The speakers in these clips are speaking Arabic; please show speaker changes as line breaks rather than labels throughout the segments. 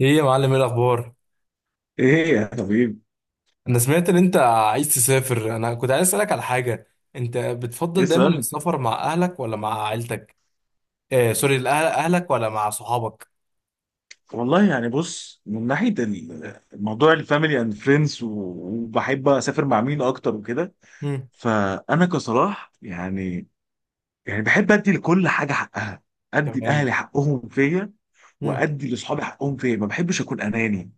ايه يا معلم، ايه الاخبار؟
ايه يا طبيب.
انا سمعت ان انت عايز تسافر. انا كنت عايز اسالك على حاجه. انت بتفضل دايما
اسأل.
السفر مع اهلك ولا مع عيلتك؟ سوري، اهلك ولا مع صحابك؟
والله يعني بص، من ناحية الموضوع الفاميلي اند فريندز، وبحب اسافر مع مين اكتر وكده.
امم.
فانا كصلاح يعني، يعني بحب ادي لكل حاجة حقها، ادي
تمام.
لاهلي حقهم فيا،
امم.
وادي لاصحابي حقهم، فين ما بحبش اكون اناني.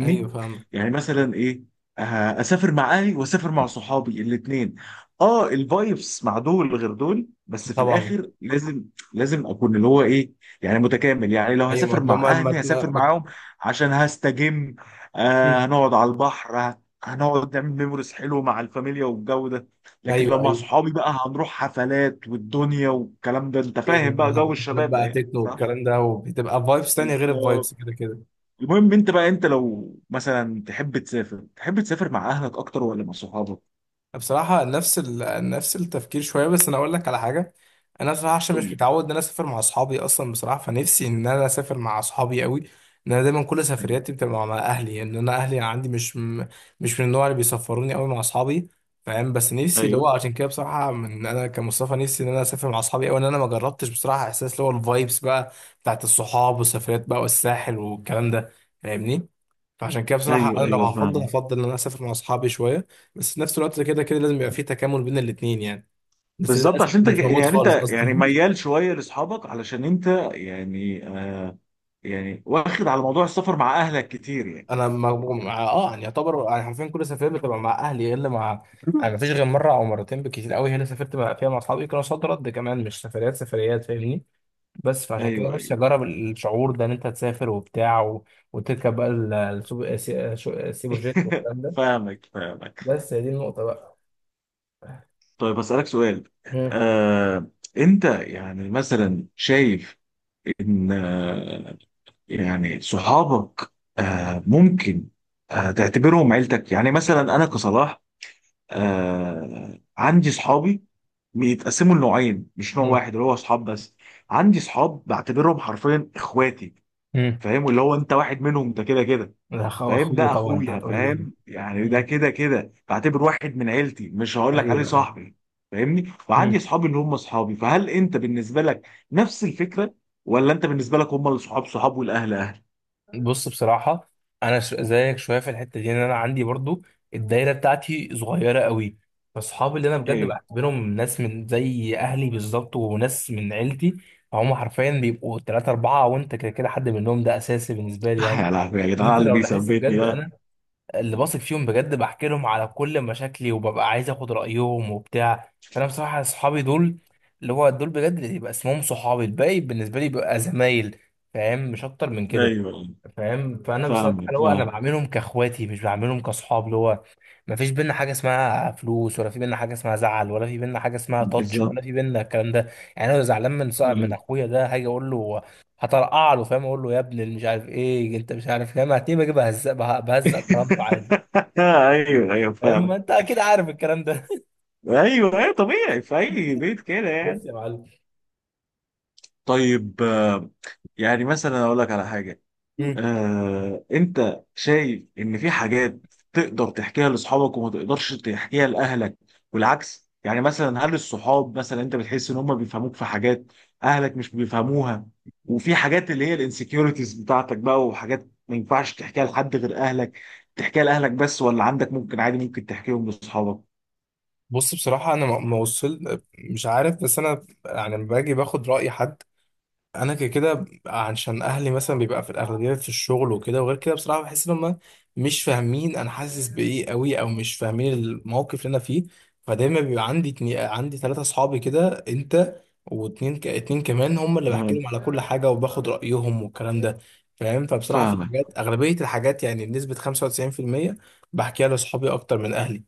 ايوه فاهم.
يعني مثلا ايه، اسافر مع اهلي واسافر مع صحابي الاثنين. اه، الفايبس مع دول غير دول، بس في
طبعا.
الاخر لازم، لازم اكون اللي هو ايه، يعني متكامل. يعني لو
ايوه، ما
هسافر
لو
مع
ما ما
اهلي
ما
هسافر
ما-
معاهم عشان هستجم. آه،
مم.
هنقعد على البحر، هنقعد نعمل ميموريز حلو مع الفاميليا والجو ده. لكن لو
ايوه،
مع
ايوه،
صحابي بقى هنروح حفلات والدنيا والكلام ده، انت فاهم
ايوه.
بقى جو
حفلات
الشباب ده،
بقى
يعني
تكنو
صح؟
والكلام ده، وبتبقى فايبس تانية غير
بالظبط.
الفايبس كده.
المهم انت بقى، انت لو مثلا تحب تسافر، تحب تسافر مع اهلك اكتر ولا مع صحابك؟
بصراحة نفس نفس التفكير شوية، بس أنا أقول لك على حاجة. أنا بصراحة عشان
قول
مش
لي.
متعود إن أنا أسافر مع أصحابي أصلا، بصراحة فنفسي إن أنا أسافر مع أصحابي قوي. إن أنا دايما كل
ايوه،
سفرياتي بتبقى مع أهلي، يعني إن أنا أهلي عندي مش من النوع اللي بيسفروني قوي مع أصحابي. فاهم، بس نفسي اللي هو
ايوه.
عشان كده. بصراحة من أنا كمصطفى نفسي إن أنا أسافر مع أصحابي قوي، إن أنا ما جربتش بصراحة إحساس اللي هو الفايبس بقى بتاعت الصحاب والسفريات بقى والساحل والكلام ده. فاهمني؟ فعشان كده بصراحة
ايوه،
أنا لو
ايوه،
هفضل
فعلا.
هفضل إن أنا أسافر مع أصحابي شوية. بس في نفس الوقت كده كده لازم يبقى في تكامل بين الاتنين يعني. بس
بالظبط،
للأسف
عشان انت
مش موجود
يعني، انت
خالص
يعني
أصلا.
ميال شويه لاصحابك، علشان انت يعني آه، يعني واخد على موضوع السفر مع اهلك كتير يعني.
أنا ما مع... آه يعني يعتبر يعني حرفيا كل سفرية بتبقى مع أهلي إلا مع. يعني مفيش غير مرة أو مرتين بالكتير قوي هي اللي سافرت بقى فيها مع أصحابي، كانوا صد رد كمان، مش سفريات سفريات، فاهمني؟ بس فعشان كده
ايوه
نفسي
ايوه.
أجرب الشعور ده إن أنت تسافر وبتاع وتركب بقى سوبر جيت والكلام ده.
فاهمك فاهمك.
بس هي دي النقطة بقى.
طيب اسالك سؤال.
مم.
آه، انت يعني مثلا شايف ان، يعني صحابك آه ممكن آه تعتبرهم عيلتك. يعني مثلا انا كصلاح آه، عندي صحابي بيتقسموا لنوعين، مش نوع
مم.
واحد اللي هو صحاب بس. عندي صحاب بعتبرهم حرفيا اخواتي.
مم.
فاهم؟ واللي هو انت واحد منهم، انت كده كده فاهم،
اخويا
ده
طبعا، انت
اخويا،
هتقول لي ايه.
فاهم يعني، ده
مم.
كده كده بعتبر واحد من عيلتي، مش هقول لك عليه
ايوه، ايوه.
صاحبي. فاهمني؟ وعندي
مم.
صحابي اللي هم صحابي. فهل انت بالنسبه لك نفس الفكره، ولا انت بالنسبه لك هم الصحاب صحاب والاهل اهل؟
بص بصراحة. زيك شوية في الحتة دي، إن أنا عندي برضو الدايرة بتاعتي صغيرة قوي. فأصحابي اللي أنا بجد
إيه؟
بعتبرهم ناس من زي أهلي بالظبط، وناس من عيلتي، فهم حرفيا بيبقوا تلاتة أربعة، وأنت كده كده حد منهم، ده أساسي بالنسبة لي يعني.
يا لهوي يا
إن
جدعان على
أنت
اللي
لو لاحظت
بيثبتني
بجد،
ده.
أنا اللي بثق فيهم بجد بحكي لهم على كل مشاكلي، وببقى عايز اخد رايهم وبتاع. فانا بصراحه اصحابي دول اللي هو دول بجد اللي يبقى اسمهم صحابي. الباقي بالنسبه لي بيبقى زمايل، فاهم، مش اكتر من كده.
ايوه
فاهم، فانا بصراحه
فاهمك
اللي هو انا
فاهم.
بعملهم كاخواتي مش بعملهم كاصحاب اللي هو. ما فيش بينا حاجه اسمها فلوس، ولا في بينا حاجه اسمها زعل، ولا في بينا حاجه اسمها تاتش،
بالظبط.
ولا في بينا الكلام ده. يعني انا لو زعلان من صاحب من
ايوه.
اخويا ده هاجي اقول له، هطرقع له، فاهم، اقول له يا ابني اللي مش عارف ايه انت مش عارف، فاهم هتلاقيه بجيب بهزق بهزق كرامته عادي.
ايوه ايوه فاهم.
ما انت اكيد عارف الكلام ده.
ايوه ايوه، طبيعي في اي بيت كده
بس
يعني.
يا معلم.
طيب يعني مثلا اقول لك على حاجه.
مم.
انت شايف ان في حاجات تقدر تحكيها لاصحابك وما تقدرش تحكيها لاهلك، والعكس؟ يعني مثلا هل الصحاب مثلا انت بتحس ان هم بيفهموك في حاجات اهلك مش بيفهموها، وفي حاجات اللي هي الانسكيورتيز بتاعتك بقى وحاجات ما ينفعش تحكيها لحد غير اهلك تحكيها لاهلك بس، ولا عندك ممكن عادي ممكن تحكيهم لاصحابك؟
بص بصراحة، أنا ما وصل مش عارف. بس أنا يعني لما باجي باخد رأي حد، انا كده كده عشان اهلي مثلا بيبقى في الاغلبيه في الشغل وكده، وغير كده بصراحه بحس ان هم مش فاهمين انا حاسس بايه قوي، او مش فاهمين الموقف اللي انا فيه. فدايما بيبقى عندي عندي ثلاثه اصحابي كده، انت اتنين كمان هم اللي بحكي
مم.
لهم على كل حاجه، وباخد رايهم والكلام ده. فاهم، فبصراحه في
فاهمك.
حاجات، اغلبيه الحاجات يعني بنسبه 95%، بحكيها لاصحابي اكتر من اهلي.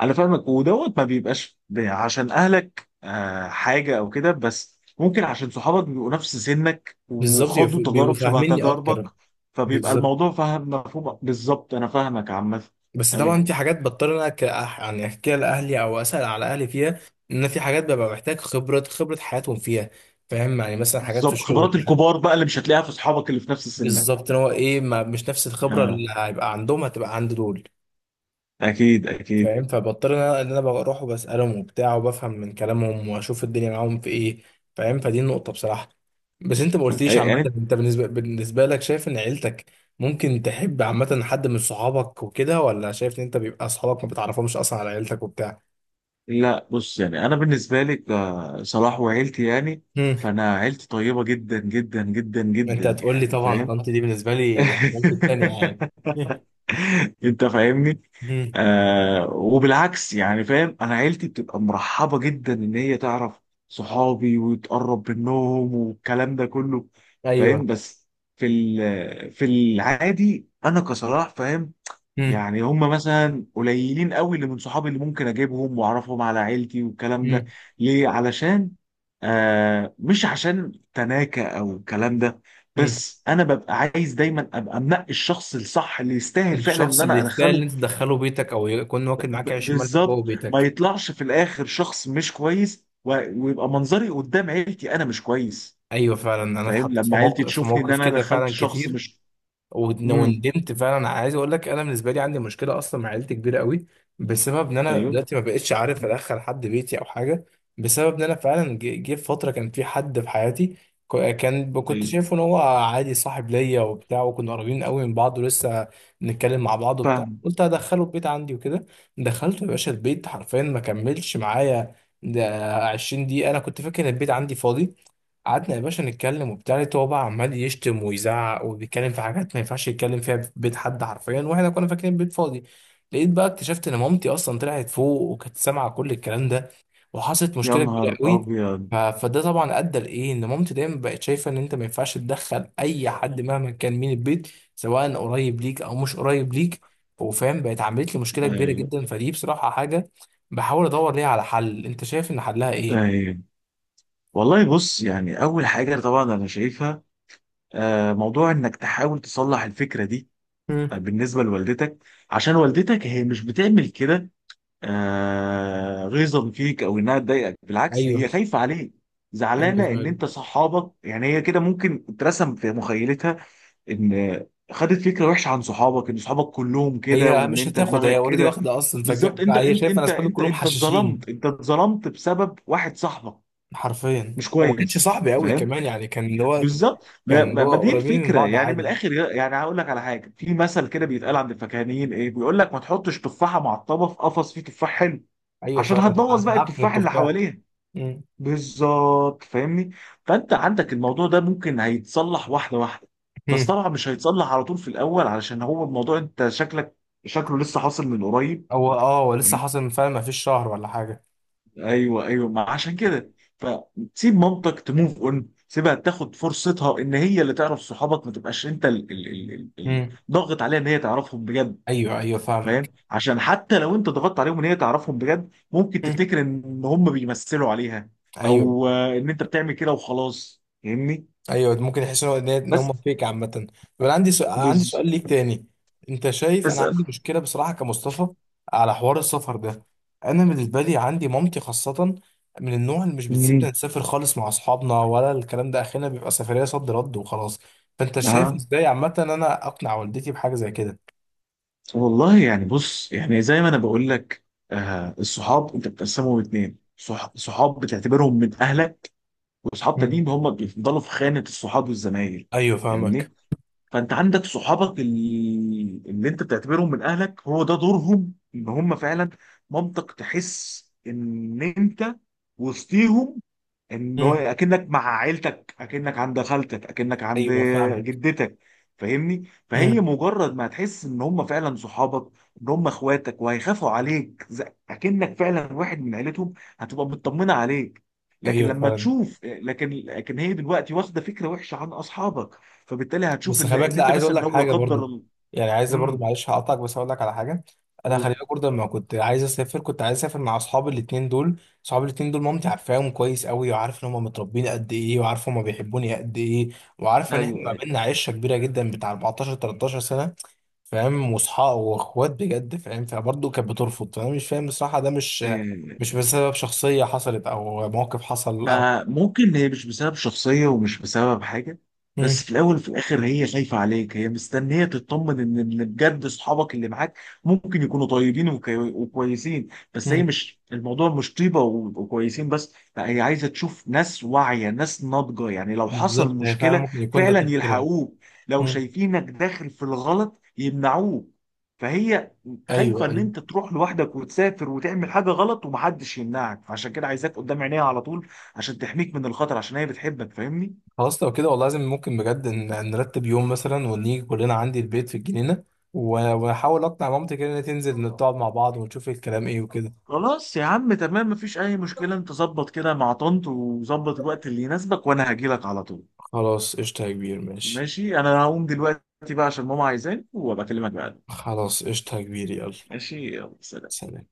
انا فاهمك، ودوت ما بيبقاش عشان اهلك حاجه او كده، بس ممكن عشان صحابك بيبقوا نفس سنك
بالظبط
وخاضوا
بيبقوا
تجارب شبه
فاهميني
تجاربك،
اكتر.
فبيبقى
بالظبط.
الموضوع فاهم مفهوم. بالظبط، انا فاهمك عامه.
بس طبعا في
ايوه.
حاجات بضطر إن انا يعني احكيها لاهلي او اسال على اهلي فيها، ان في حاجات ببقى محتاج خبره حياتهم فيها. فاهم، يعني مثلا حاجات في
بالظبط،
الشغل.
خبرات الكبار بقى اللي مش هتلاقيها في صحابك اللي في نفس سنك.
بالظبط، ان هو ايه ما مش نفس الخبره
آه.
اللي هيبقى عندهم هتبقى عند دول.
اكيد اكيد.
فاهم، فبضطر ان انا إن أنا بروح وبسالهم وبتاع، وبفهم من كلامهم، واشوف الدنيا معاهم في ايه. فاهم، فدي النقطه بصراحه. بس انت ما قلتليش عامه،
يعني
انت بالنسبه لك شايف ان عيلتك ممكن تحب عامه حد من صحابك وكده، ولا شايف ان انت بيبقى صحابك ما بتعرفهمش اصلا على عيلتك وبتاع.
لا، بص يعني انا بالنسبه لي صلاح وعيلتي يعني،
مم.
فانا عيلتي طيبه جدا جدا جدا جدا
انت هتقول لي
يعني،
طبعا
فاهم؟
طنط دي بالنسبه لي يعني مامتي التانية يعني. مم.
انت فاهمني.
مم.
آه، وبالعكس يعني، فاهم، انا عيلتي بتبقى مرحبه جدا ان هي تعرف صحابي وتقرب منهم والكلام ده كله. فاهم؟
ايوه.
بس في في العادي انا كصلاح فاهم،
مم.
يعني هم مثلا قليلين قوي اللي من صحابي اللي ممكن اجيبهم واعرفهم على عيلتي والكلام ده.
مم.
ليه؟ علشان آه، مش عشان تناكة او الكلام ده،
مم.
بس انا ببقى عايز دايما ابقى منقي الشخص الصح اللي يستاهل فعلا ان
الشخص اللي
انا
يستاهل ان
ادخله.
انت تدخله بيتك، او يكون واكل معاك عيش ملح جوه
بالظبط، ما
بيتك.
يطلعش في الاخر شخص مش كويس ويبقى منظري قدام عيلتي انا مش كويس.
ايوه فعلا، انا
فاهم؟
اتحطيت في
لما عيلتي
موقف
تشوفني ان انا
كده
دخلت
فعلا
شخص
كتير
مش، امم.
وندمت فعلا. انا عايز اقول لك، انا بالنسبه لي عندي مشكله اصلا مع عيلتي كبيره قوي، بسبب ان انا
ايوه
دلوقتي ما بقتش عارف ادخل حد بيتي او حاجه. بسبب ان انا فعلا جه في فتره كان في حد في حياتي، كنت
ايوه
شايفه ان هو عادي صاحب ليا وبتاع، وكنا قريبين قوي من بعض، ولسه نتكلم مع بعض وبتاع.
فاهم.
قلت هدخله البيت عندي وكده. دخلته يا باشا البيت حرفيا، ما كملش معايا ده 20 دقيقه. انا كنت فاكر ان البيت عندي فاضي. قعدنا يا باشا نتكلم وبتاع، لقيته هو بقى عمال يشتم ويزعق وبيتكلم في حاجات ما ينفعش يتكلم فيها في بيت حد حرفيا، واحنا كنا فاكرين بيت فاضي. لقيت بقى اكتشفت ان مامتي اصلا طلعت فوق وكانت سامعه كل الكلام ده، وحصلت
يا
مشكله كبيره
نهار
قوي.
ابيض.
فده طبعا ادى لايه ان مامتي دايما بقت شايفه ان انت ما ينفعش تدخل اي حد مهما كان مين البيت، سواء قريب ليك او مش قريب ليك. وفاهم بقت عملت لي مشكله كبيره
ايوه.
جدا. فدي بصراحه حاجه بحاول ادور ليها على حل، انت شايف ان حلها ايه؟
طيب والله بص، يعني اول حاجه طبعا انا شايفها موضوع انك تحاول تصلح الفكره دي
مم.
بالنسبه لوالدتك، عشان والدتك هي مش بتعمل كده غيظا فيك او انها تضايقك، بالعكس هي
ايوه،
خايفه عليك،
ايوه
زعلانه ان
فعلا.
انت صحابك، يعني هي كده ممكن اترسم في مخيلتها ان خدت فكره وحشه عن صحابك، ان صحابك كلهم كده
هي
وان
مش
انت
هتاخد، هي
دماغك
اوريدي
كده.
واخده اصلا.
بالظبط، انت
هي
انت
شايفه انا
انت
اصحابي
انت
كلهم
انت
حشاشين
اتظلمت، انت اتظلمت بسبب واحد صاحبك
حرفيا.
مش
وما كانش
كويس،
صاحبي قوي
فاهم؟
كمان، يعني كان اللي هو
بالظبط. ما,
كان اللي
ما,
هو
ما دي
قريبين من
الفكره
بعض
يعني، من
عادي.
الاخر يعني هقول لك على حاجه، في مثل كده بيتقال عند الفكاهيين، ايه بيقول لك؟ ما تحطش تفاحه معطبه في قفص فيه تفاح حلو،
ايوه
عشان
فعلا،
هتبوظ بقى
اتعبت من
التفاح اللي
التفاح.
حواليها.
امم.
بالظبط، فاهمني؟ فانت عندك الموضوع ده ممكن هيتصلح واحده واحده، بس
أمم.
طبعا مش هيتصلح على طول في الاول، علشان هو الموضوع انت شكلك، شكله لسه حاصل من قريب.
هو اه هو لسه حاصل من فعلا، ما فيش شهر ولا حاجه.
ايوه ايوه، ما عشان كده، فسيب مامتك تموف اون، سيبها تاخد فرصتها ان هي اللي تعرف صحابك، ما تبقاش انت
امم.
ضاغط عليها ان هي تعرفهم بجد.
ايوه، ايوه
فاهم؟
فاهمك.
عشان حتى لو انت ضغطت عليهم ان هي تعرفهم بجد ممكن
امم.
تفتكر ان هم بيمثلوا عليها،
ايوه،
او ان انت بتعمل كده وخلاص، فاهمني؟
ايوه ممكن يحس ان هو ان
بس
هم فيك عامه. طب انا عندي سؤال عندي
بس
سؤال ليك تاني. انت شايف
بس.
انا عندي مشكله بصراحه كمصطفى على حوار السفر ده. انا بالنسبه لي عندي مامتي خاصه من النوع اللي مش بتسيبنا
مم.
نسافر خالص مع اصحابنا ولا الكلام ده، اخينا بيبقى سفريه صد رد وخلاص. فانت شايف
ها.
ازاي عامه ان انا اقنع والدتي بحاجه زي كده؟
والله يعني بص، يعني زي ما انا بقول لك، آه، الصحاب انت بتقسمهم اتنين، صحاب بتعتبرهم من اهلك، واصحاب
مم.
تانيين هم بيفضلوا في خانه الصحاب والزمايل.
ايوه فاهمك.
فاهمني؟ فانت عندك صحابك اللي انت بتعتبرهم من اهلك، هو ده دورهم، ان هم فعلا منطق تحس ان انت وسطيهم، ان هو
امم.
اكنك مع عيلتك، اكنك عند خالتك، اكنك عند
ايوه فاهمك.
جدتك. فاهمني؟ فهي
امم.
مجرد ما هتحس ان هم فعلا صحابك، ان هم اخواتك وهيخافوا عليك اكنك فعلا واحد من عيلتهم، هتبقى مطمنه عليك. لكن
ايوه
لما
فعلا.
تشوف، لكن هي دلوقتي واخده فكره وحشه عن اصحابك، فبالتالي هتشوف
بس
ان
خلي بالك، لا
انت
عايز اقول
مثلا
لك
لو لا
حاجه
قدر
برضو.
الله،
يعني عايز برضو،
امم.
معلش هقطعك بس اقول لك على حاجه. انا خلي بالك برضو لما كنت عايز اسافر كنت عايز اسافر مع اصحابي الاثنين دول، اصحابي الاثنين دول مامتي عارفاهم كويس قوي، وعارف ان هم متربيين قد ايه، وعارف هم بيحبوني قد ايه. وعارفه ان احنا
ايوه.
ما بيننا عشره كبيره جدا بتاع 14 13 سنه، فاهم، واصحاب واخوات بجد، فاهم. فبرضه كانت بترفض، فانا مش فاهم بصراحه. ده مش
إيه.
مش بسبب شخصيه حصلت او موقف حصل او.
ما ممكن هي مش بسبب شخصية ومش بسبب حاجة،
مم.
بس في الأول وفي الآخر هي خايفة عليك، هي مستنية تطمن إن بجد أصحابك اللي معاك ممكن يكونوا طيبين وكويسين، بس هي
مم.
مش الموضوع مش طيبة وكويسين بس، لا، هي عايزة تشوف ناس واعية، ناس ناضجة، يعني لو حصل
بالظبط، هي فعلا
مشكلة
ممكن يكون ده
فعلا
تفكيرها.
يلحقوك، لو
مم.
شايفينك داخل في الغلط يمنعوك. فهي خايفة
ايوه،
إن
ايوه.
أنت تروح لوحدك وتسافر وتعمل حاجة غلط ومحدش يمنعك، فعشان كده عايزاك قدام عينيها على طول عشان تحميك من الخطر، عشان هي بتحبك، فاهمني؟
خلاص لو كده والله لازم، ممكن بجد نرتب يوم مثلا ونيجي كلنا عندي البيت في الجنينة، واحاول اقنع مامتي كده ان هي تنزل نقعد مع بعض ونشوف الكلام ايه وكده.
خلاص يا عم، تمام، مفيش اي مشكله. انت ظبط كده مع طنط، وظبط الوقت اللي يناسبك وانا هجيلك على طول.
خلاص قشطة يا كبير، ماشي.
ماشي. انا هقوم دلوقتي بقى عشان ماما عايزاني، وابقى اكلمك بعد.
خلاص قشطة يا كبير، يلا.
ماشي، يلا سلام.
سلام.